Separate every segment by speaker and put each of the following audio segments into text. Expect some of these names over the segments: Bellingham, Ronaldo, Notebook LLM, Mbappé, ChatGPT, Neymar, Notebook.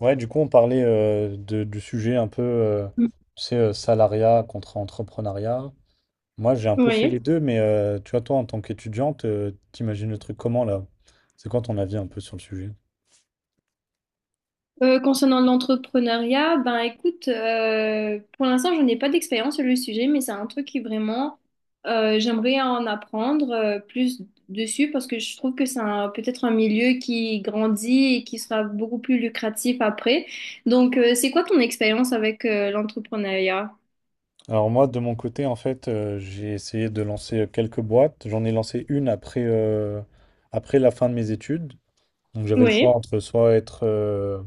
Speaker 1: Ouais, du coup, on parlait du sujet un peu,
Speaker 2: Mm.
Speaker 1: tu sais, salariat contre entrepreneuriat. Moi, j'ai un peu fait
Speaker 2: Oui.
Speaker 1: les deux, mais tu vois, toi, en tant qu'étudiante, t'imagines le truc comment là? C'est quoi ton avis un peu sur le sujet?
Speaker 2: Concernant l'entrepreneuriat, ben écoute, pour l'instant, je n'ai pas d'expérience sur le sujet, mais c'est un truc qui vraiment, j'aimerais en apprendre plus dessus parce que je trouve que c'est peut-être un milieu qui grandit et qui sera beaucoup plus lucratif après. Donc, c'est quoi ton expérience avec l'entrepreneuriat?
Speaker 1: Alors moi, de mon côté, en fait, j'ai essayé de lancer quelques boîtes. J'en ai lancé une après la fin de mes études. Donc j'avais le choix
Speaker 2: Oui,
Speaker 1: entre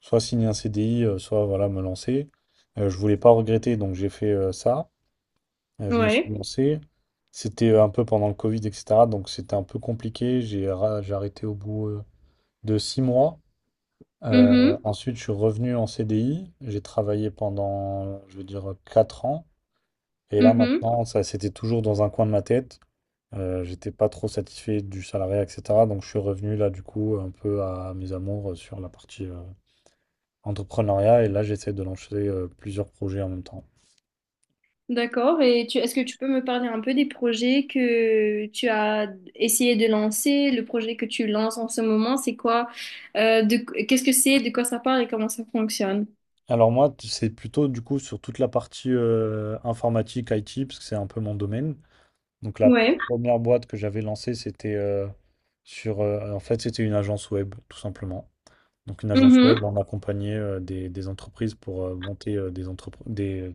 Speaker 1: soit signer un CDI, soit voilà, me lancer. Je voulais pas regretter, donc j'ai fait ça. Je me suis
Speaker 2: oui.
Speaker 1: lancé. C'était un peu pendant le Covid, etc. Donc c'était un peu compliqué. J'ai arrêté au bout de 6 mois. Euh,
Speaker 2: Mhm.
Speaker 1: ensuite, je suis revenu en CDI. J'ai travaillé pendant, je veux dire, 4 ans. Et là,
Speaker 2: Mhm.
Speaker 1: maintenant, ça, c'était toujours dans un coin de ma tête. J'étais pas trop satisfait du salariat, etc. Donc je suis revenu là, du coup, un peu à mes amours sur la partie entrepreneuriat. Et là, j'essaie de lancer plusieurs projets en même temps.
Speaker 2: D'accord. Est-ce que tu peux me parler un peu des projets que tu as essayé de lancer, le projet que tu lances en ce moment, c'est quoi, Euh, de, qu'est-ce que c'est, de quoi ça parle et comment ça fonctionne?
Speaker 1: Alors moi, c'est plutôt du coup sur toute la partie informatique, IT, parce que c'est un peu mon domaine. Donc la
Speaker 2: Ouais.
Speaker 1: première boîte que j'avais lancée, c'était en fait, c'était une agence web, tout simplement. Donc une agence web,
Speaker 2: Mhm.
Speaker 1: on accompagnait des entreprises pour monter des, entrepr- des,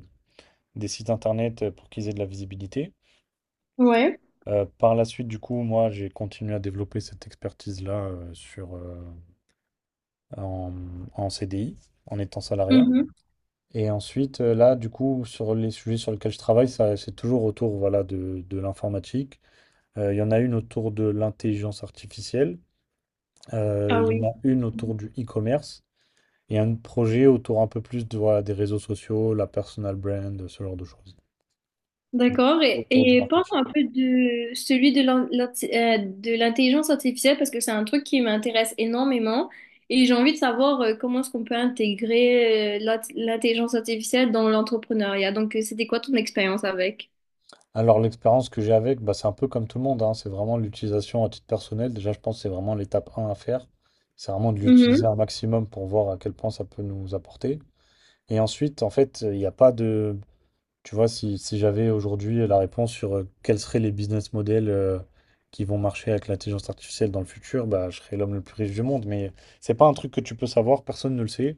Speaker 1: des sites internet pour qu'ils aient de la visibilité.
Speaker 2: Ouais.
Speaker 1: Par la suite, du coup, moi, j'ai continué à développer cette expertise-là en, en CDI, en étant salarié.
Speaker 2: Mhm.
Speaker 1: Et ensuite, là, du coup, sur les sujets sur lesquels je travaille, ça, c'est toujours autour, voilà, de l'informatique. Il y en a une autour de l'intelligence artificielle. Euh,
Speaker 2: Ah
Speaker 1: il y en
Speaker 2: oui.
Speaker 1: a une autour du e-commerce. Et un projet autour un peu plus de, voilà, des réseaux sociaux, la personal brand, ce genre de choses.
Speaker 2: D'accord. Et,
Speaker 1: Autour du
Speaker 2: et parle
Speaker 1: marketing.
Speaker 2: un peu de celui de de l'intelligence artificielle parce que c'est un truc qui m'intéresse énormément et j'ai envie de savoir comment est-ce qu'on peut intégrer l'intelligence artificielle dans l'entrepreneuriat. Donc, c'était quoi ton expérience avec?
Speaker 1: Alors l'expérience que j'ai avec, bah, c'est un peu comme tout le monde, hein, c'est vraiment l'utilisation à titre personnel. Déjà, je pense que c'est vraiment l'étape un à faire. C'est vraiment de l'utiliser
Speaker 2: Mhm.
Speaker 1: un maximum pour voir à quel point ça peut nous apporter. Et ensuite, en fait, il n'y a pas de... Tu vois, si j'avais aujourd'hui la réponse sur quels seraient les business models qui vont marcher avec l'intelligence artificielle dans le futur, bah, je serais l'homme le plus riche du monde. Mais c'est pas un truc que tu peux savoir, personne ne le sait.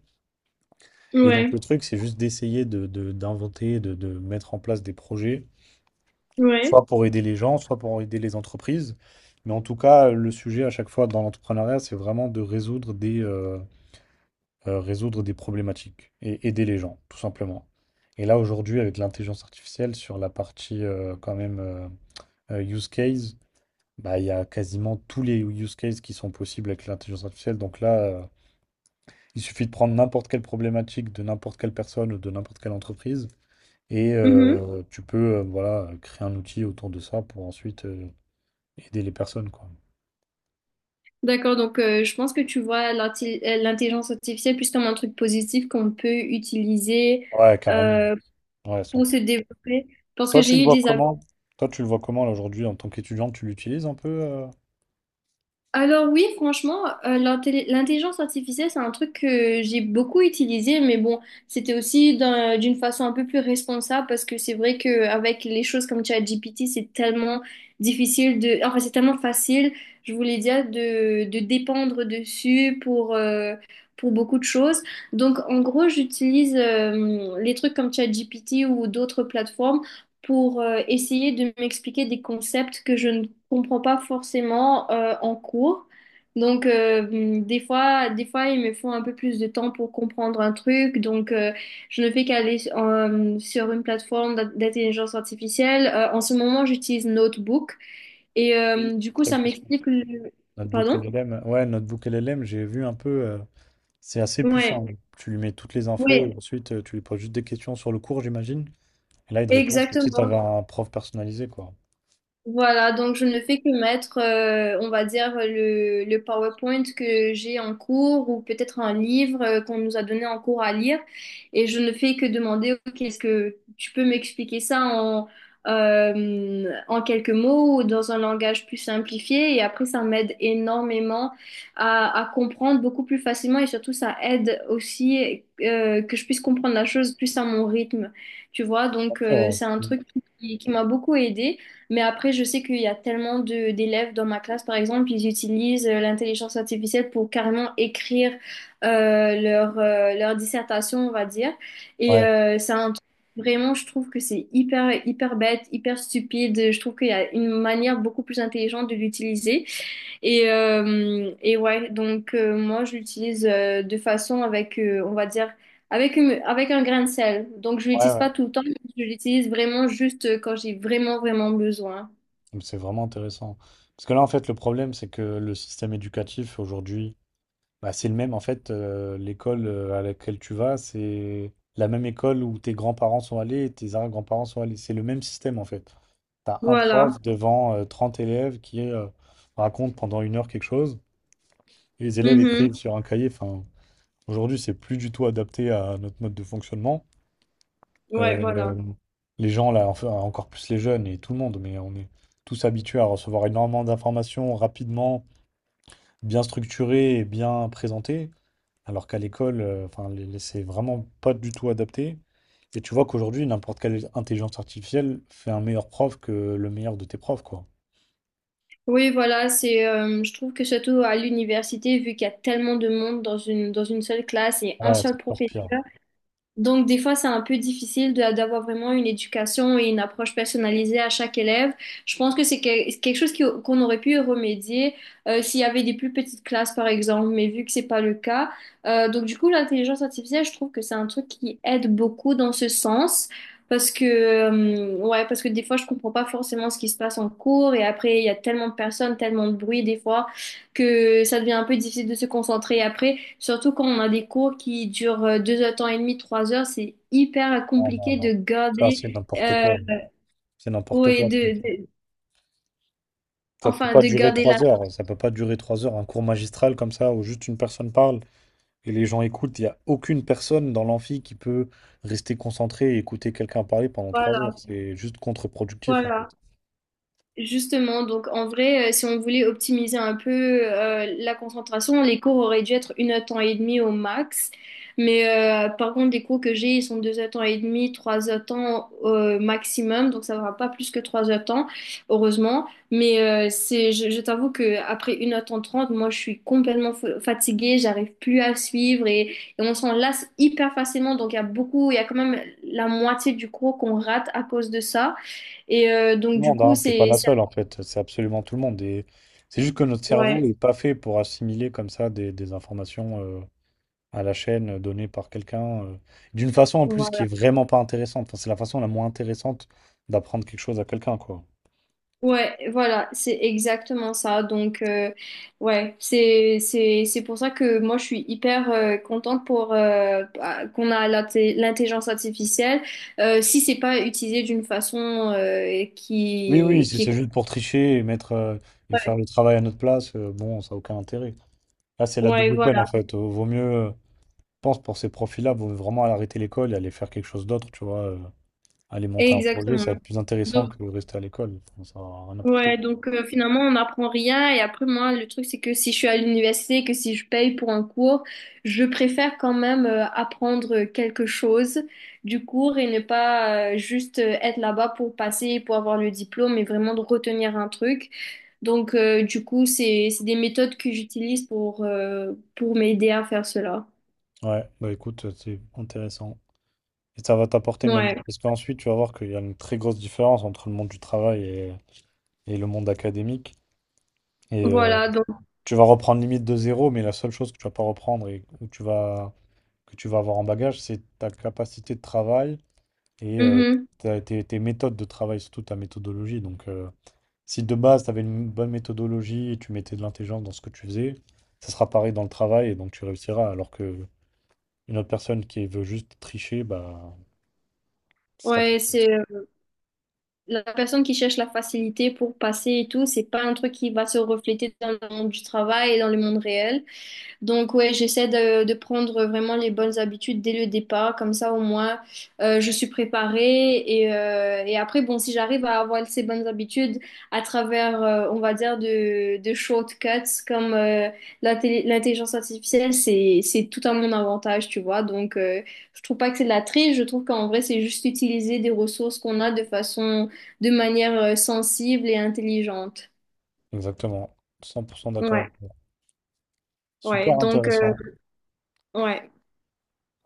Speaker 1: Et donc le
Speaker 2: Ouais,
Speaker 1: truc, c'est juste d'essayer d'inventer, de mettre en place des projets
Speaker 2: ouais.
Speaker 1: soit pour aider les gens, soit pour aider les entreprises. Mais en tout cas, le sujet à chaque fois dans l'entrepreneuriat, c'est vraiment de résoudre des problématiques et aider les gens, tout simplement. Et là, aujourd'hui, avec l'intelligence artificielle, sur la partie quand même use case, bah, il y a quasiment tous les use cases qui sont possibles avec l'intelligence artificielle. Donc là, il suffit de prendre n'importe quelle problématique de n'importe quelle personne ou de n'importe quelle entreprise. Et
Speaker 2: Mhm.
Speaker 1: tu peux voilà, créer un outil autour de ça pour ensuite aider les personnes, quoi.
Speaker 2: D'accord, donc je pense que tu vois l'intelligence artificielle plus comme un truc positif qu'on peut utiliser
Speaker 1: Ouais, carrément.
Speaker 2: euh,
Speaker 1: Ouais,
Speaker 2: pour se
Speaker 1: 100%.
Speaker 2: développer. Parce que
Speaker 1: Toi, tu le
Speaker 2: j'ai eu
Speaker 1: vois
Speaker 2: des.
Speaker 1: comment? Toi, tu le vois comment, là, aujourd'hui, en tant qu'étudiant, tu l'utilises un peu?
Speaker 2: Alors oui, franchement, l'intelligence artificielle, c'est un truc que j'ai beaucoup utilisé, mais bon, c'était aussi d'une façon un peu plus responsable parce que c'est vrai qu'avec les choses comme ChatGPT, c'est tellement difficile de... Enfin, c'est tellement facile, je voulais dire, de dépendre dessus pour beaucoup de choses. Donc, en gros, j'utilise les trucs comme ChatGPT ou d'autres plateformes pour essayer de m'expliquer des concepts que je ne comprends pas forcément en cours. Donc, des fois, il me faut un peu plus de temps pour comprendre un truc. Donc, je ne fais qu'aller sur une plateforme d'intelligence artificielle. En ce moment, j'utilise Notebook. Et
Speaker 1: Oui,
Speaker 2: du
Speaker 1: c'est
Speaker 2: coup,
Speaker 1: très
Speaker 2: ça
Speaker 1: puissant.
Speaker 2: m'explique le...
Speaker 1: Notebook
Speaker 2: Pardon?
Speaker 1: LLM. Ouais, Notebook LLM, j'ai vu un peu. C'est assez
Speaker 2: Ouais.
Speaker 1: puissant. Tu lui mets toutes les infos et
Speaker 2: Oui,
Speaker 1: ensuite, tu lui poses juste des questions sur le cours, j'imagine. Et là, il te répond comme si tu avais
Speaker 2: exactement.
Speaker 1: un prof personnalisé, quoi.
Speaker 2: Voilà, donc je ne fais que mettre, on va dire, le PowerPoint que j'ai en cours ou peut-être un livre qu'on nous a donné en cours à lire et je ne fais que demander, OK, est-ce que tu peux m'expliquer ça en, en quelques mots ou dans un langage plus simplifié et après ça m'aide énormément à comprendre beaucoup plus facilement et surtout ça aide aussi que je puisse comprendre la chose plus à mon rythme, tu vois,
Speaker 1: Bien
Speaker 2: donc
Speaker 1: sûr. Ouais,
Speaker 2: c'est un
Speaker 1: Mm.
Speaker 2: truc qui m'a beaucoup aidée. Mais après, je sais qu'il y a tellement de d'élèves dans ma classe, par exemple, ils utilisent l'intelligence artificielle pour carrément écrire leur dissertation, on va dire. Et
Speaker 1: Ouais,
Speaker 2: c'est un truc. Vraiment, je trouve que c'est hyper, hyper bête, hyper stupide. Je trouve qu'il y a une manière beaucoup plus intelligente de l'utiliser. Et ouais, donc moi, je l'utilise de façon avec, on va dire, avec avec un grain de sel. Donc, je
Speaker 1: ouais.
Speaker 2: l'utilise
Speaker 1: Ouais.
Speaker 2: pas tout le temps, je l'utilise vraiment juste quand j'ai vraiment, vraiment besoin.
Speaker 1: Donc, c'est vraiment intéressant. Parce que là, en fait, le problème, c'est que le système éducatif, aujourd'hui, bah, c'est le même, en fait, l'école à laquelle tu vas, c'est la même école où tes grands-parents sont allés et tes arrière-grands-parents sont allés. C'est le même système, en fait. Tu as un
Speaker 2: Voilà.
Speaker 1: prof devant 30 élèves qui raconte pendant une heure quelque chose, et les élèves
Speaker 2: Mhm.
Speaker 1: écrivent sur un cahier. Enfin, aujourd'hui, c'est plus du tout adapté à notre mode de fonctionnement.
Speaker 2: Ouais, voilà.
Speaker 1: Euh, les gens, là, enfin, encore plus les jeunes et tout le monde, mais on est tous habitués à recevoir énormément d'informations rapidement, bien structurées et bien présentées. Alors qu'à l'école, enfin, c'est vraiment pas du tout adapté. Et tu vois qu'aujourd'hui, n'importe quelle intelligence artificielle fait un meilleur prof que le meilleur de tes profs, quoi.
Speaker 2: Oui, voilà, c'est, je trouve que surtout à l'université, vu qu'il y a tellement de monde dans dans une seule classe et un
Speaker 1: Ouais,
Speaker 2: seul
Speaker 1: c'est encore pire.
Speaker 2: professeur, donc, des fois, c'est un peu difficile d'avoir vraiment une éducation et une approche personnalisée à chaque élève. Je pense que c'est quelque chose qu'on aurait pu remédier s'il y avait des plus petites classes, par exemple, mais vu que c'est pas le cas. Donc, du coup, l'intelligence artificielle, je trouve que c'est un truc qui aide beaucoup dans ce sens. Parce que, ouais, parce que des fois, je comprends pas forcément ce qui se passe en cours et après, il y a tellement de personnes, tellement de bruit des fois que ça devient un peu difficile de se concentrer après. Surtout quand on a des cours qui durent deux heures et demie, trois heures, c'est hyper
Speaker 1: Non, non,
Speaker 2: compliqué
Speaker 1: non.
Speaker 2: de
Speaker 1: Ça,
Speaker 2: garder,
Speaker 1: c'est n'importe
Speaker 2: euh,
Speaker 1: quoi. C'est n'importe
Speaker 2: ouais,
Speaker 1: quoi.
Speaker 2: de, de-
Speaker 1: Ça peut
Speaker 2: enfin,
Speaker 1: pas
Speaker 2: de
Speaker 1: durer
Speaker 2: garder la,
Speaker 1: 3 heures. Ça peut pas durer trois heures. Un cours magistral comme ça, où juste une personne parle et les gens écoutent. Il n'y a aucune personne dans l'amphi qui peut rester concentrée et écouter quelqu'un parler pendant trois
Speaker 2: voilà,
Speaker 1: heures. C'est juste contre-productif, hein.
Speaker 2: voilà. Justement, donc en vrai, si on voulait optimiser un peu la concentration, les cours auraient dû être une heure temps et demie au max. Mais par contre, les cours que j'ai, ils sont deux heures temps et demie, trois heures temps maximum, donc ça ne va pas plus que trois heures temps, heureusement. Mais c'est, je t'avoue que après une heure temps trente, moi, je suis complètement fatiguée, j'arrive plus à suivre et on s'en lasse hyper facilement. Donc il y a beaucoup, il y a quand même la moitié du cours qu'on rate à cause de ça. Et
Speaker 1: Tout
Speaker 2: donc
Speaker 1: le
Speaker 2: du
Speaker 1: monde,
Speaker 2: coup,
Speaker 1: hein. T'es pas
Speaker 2: c'est.
Speaker 1: la seule en fait, c'est absolument tout le monde. Et c'est juste que notre cerveau
Speaker 2: Ouais,
Speaker 1: n'est pas fait pour assimiler comme ça des informations à la chaîne données par quelqu'un, d'une façon en plus qui
Speaker 2: voilà.
Speaker 1: est vraiment pas intéressante. Enfin, c'est la façon la moins intéressante d'apprendre quelque chose à quelqu'un, quoi.
Speaker 2: Ouais, voilà, c'est exactement ça. Donc, ouais, c'est pour ça que moi je suis hyper contente pour bah, qu'on a l'intelligence artificielle. Si c'est pas utilisé d'une façon
Speaker 1: Oui, oui,
Speaker 2: qui
Speaker 1: si
Speaker 2: qui est...
Speaker 1: c'est juste pour tricher et mettre et faire
Speaker 2: Ouais,
Speaker 1: le travail à notre place, bon, ça n'a aucun intérêt. Là, c'est la
Speaker 2: ouais,
Speaker 1: double peine en
Speaker 2: voilà,
Speaker 1: fait. Vaut mieux, je pense, pour ces profils-là, vaut vraiment arrêter l'école et aller faire quelque chose d'autre, tu vois. Aller monter un projet, ça va
Speaker 2: exactement.
Speaker 1: être plus intéressant
Speaker 2: Donc
Speaker 1: que rester à l'école. Enfin, ça va rien apporter.
Speaker 2: ouais, donc finalement, on n'apprend rien. Et après, moi, le truc, c'est que si je suis à l'université, que si je paye pour un cours, je préfère quand même apprendre quelque chose du cours et ne pas juste être là-bas pour passer, pour avoir le diplôme, mais vraiment de retenir un truc. Donc, du coup, c'est des méthodes que j'utilise pour m'aider à faire cela.
Speaker 1: Ouais, bah écoute, c'est intéressant. Et ça va t'apporter même.
Speaker 2: Ouais,
Speaker 1: Parce qu'ensuite, tu vas voir qu'il y a une très grosse différence entre le monde du travail et le monde académique. Et
Speaker 2: voilà, donc,
Speaker 1: tu vas reprendre limite de zéro, mais la seule chose que tu vas pas reprendre et où tu vas que tu vas avoir en bagage, c'est ta capacité de travail et
Speaker 2: mhm.
Speaker 1: tes méthodes de travail, surtout ta méthodologie. Donc, si de base, tu avais une bonne méthodologie et tu mettais de l'intelligence dans ce que tu faisais, ça sera pareil dans le travail et donc tu réussiras. Alors que une autre personne qui veut juste tricher, bah, ce sera pas
Speaker 2: Ouais,
Speaker 1: possible.
Speaker 2: c'est... la personne qui cherche la facilité pour passer et tout, c'est pas un truc qui va se refléter dans le monde du travail et dans le monde réel. Donc ouais, j'essaie de, prendre vraiment les bonnes habitudes dès le départ, comme ça au moins je suis préparée et après bon, si j'arrive à avoir ces bonnes habitudes à travers, on va dire, de shortcuts comme l'intelligence artificielle, c'est tout à mon avantage, tu vois. Donc je trouve pas que c'est de la triche, je trouve qu'en vrai c'est juste utiliser des ressources qu'on a de façon, de manière sensible et intelligente.
Speaker 1: Exactement. 100% d'accord avec
Speaker 2: Ouais,
Speaker 1: toi.
Speaker 2: ouais,
Speaker 1: Super
Speaker 2: donc
Speaker 1: intéressant.
Speaker 2: ouais.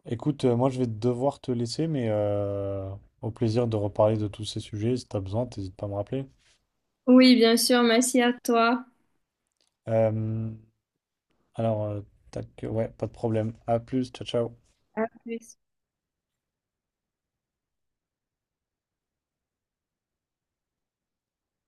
Speaker 1: Écoute, moi je vais devoir te laisser, mais au plaisir de reparler de tous ces sujets. Si tu as besoin, n'hésite pas à me rappeler.
Speaker 2: Oui, bien sûr, merci à toi.
Speaker 1: Euh, Alors, tac, ouais, pas de problème. À plus, ciao, ciao.
Speaker 2: À plus.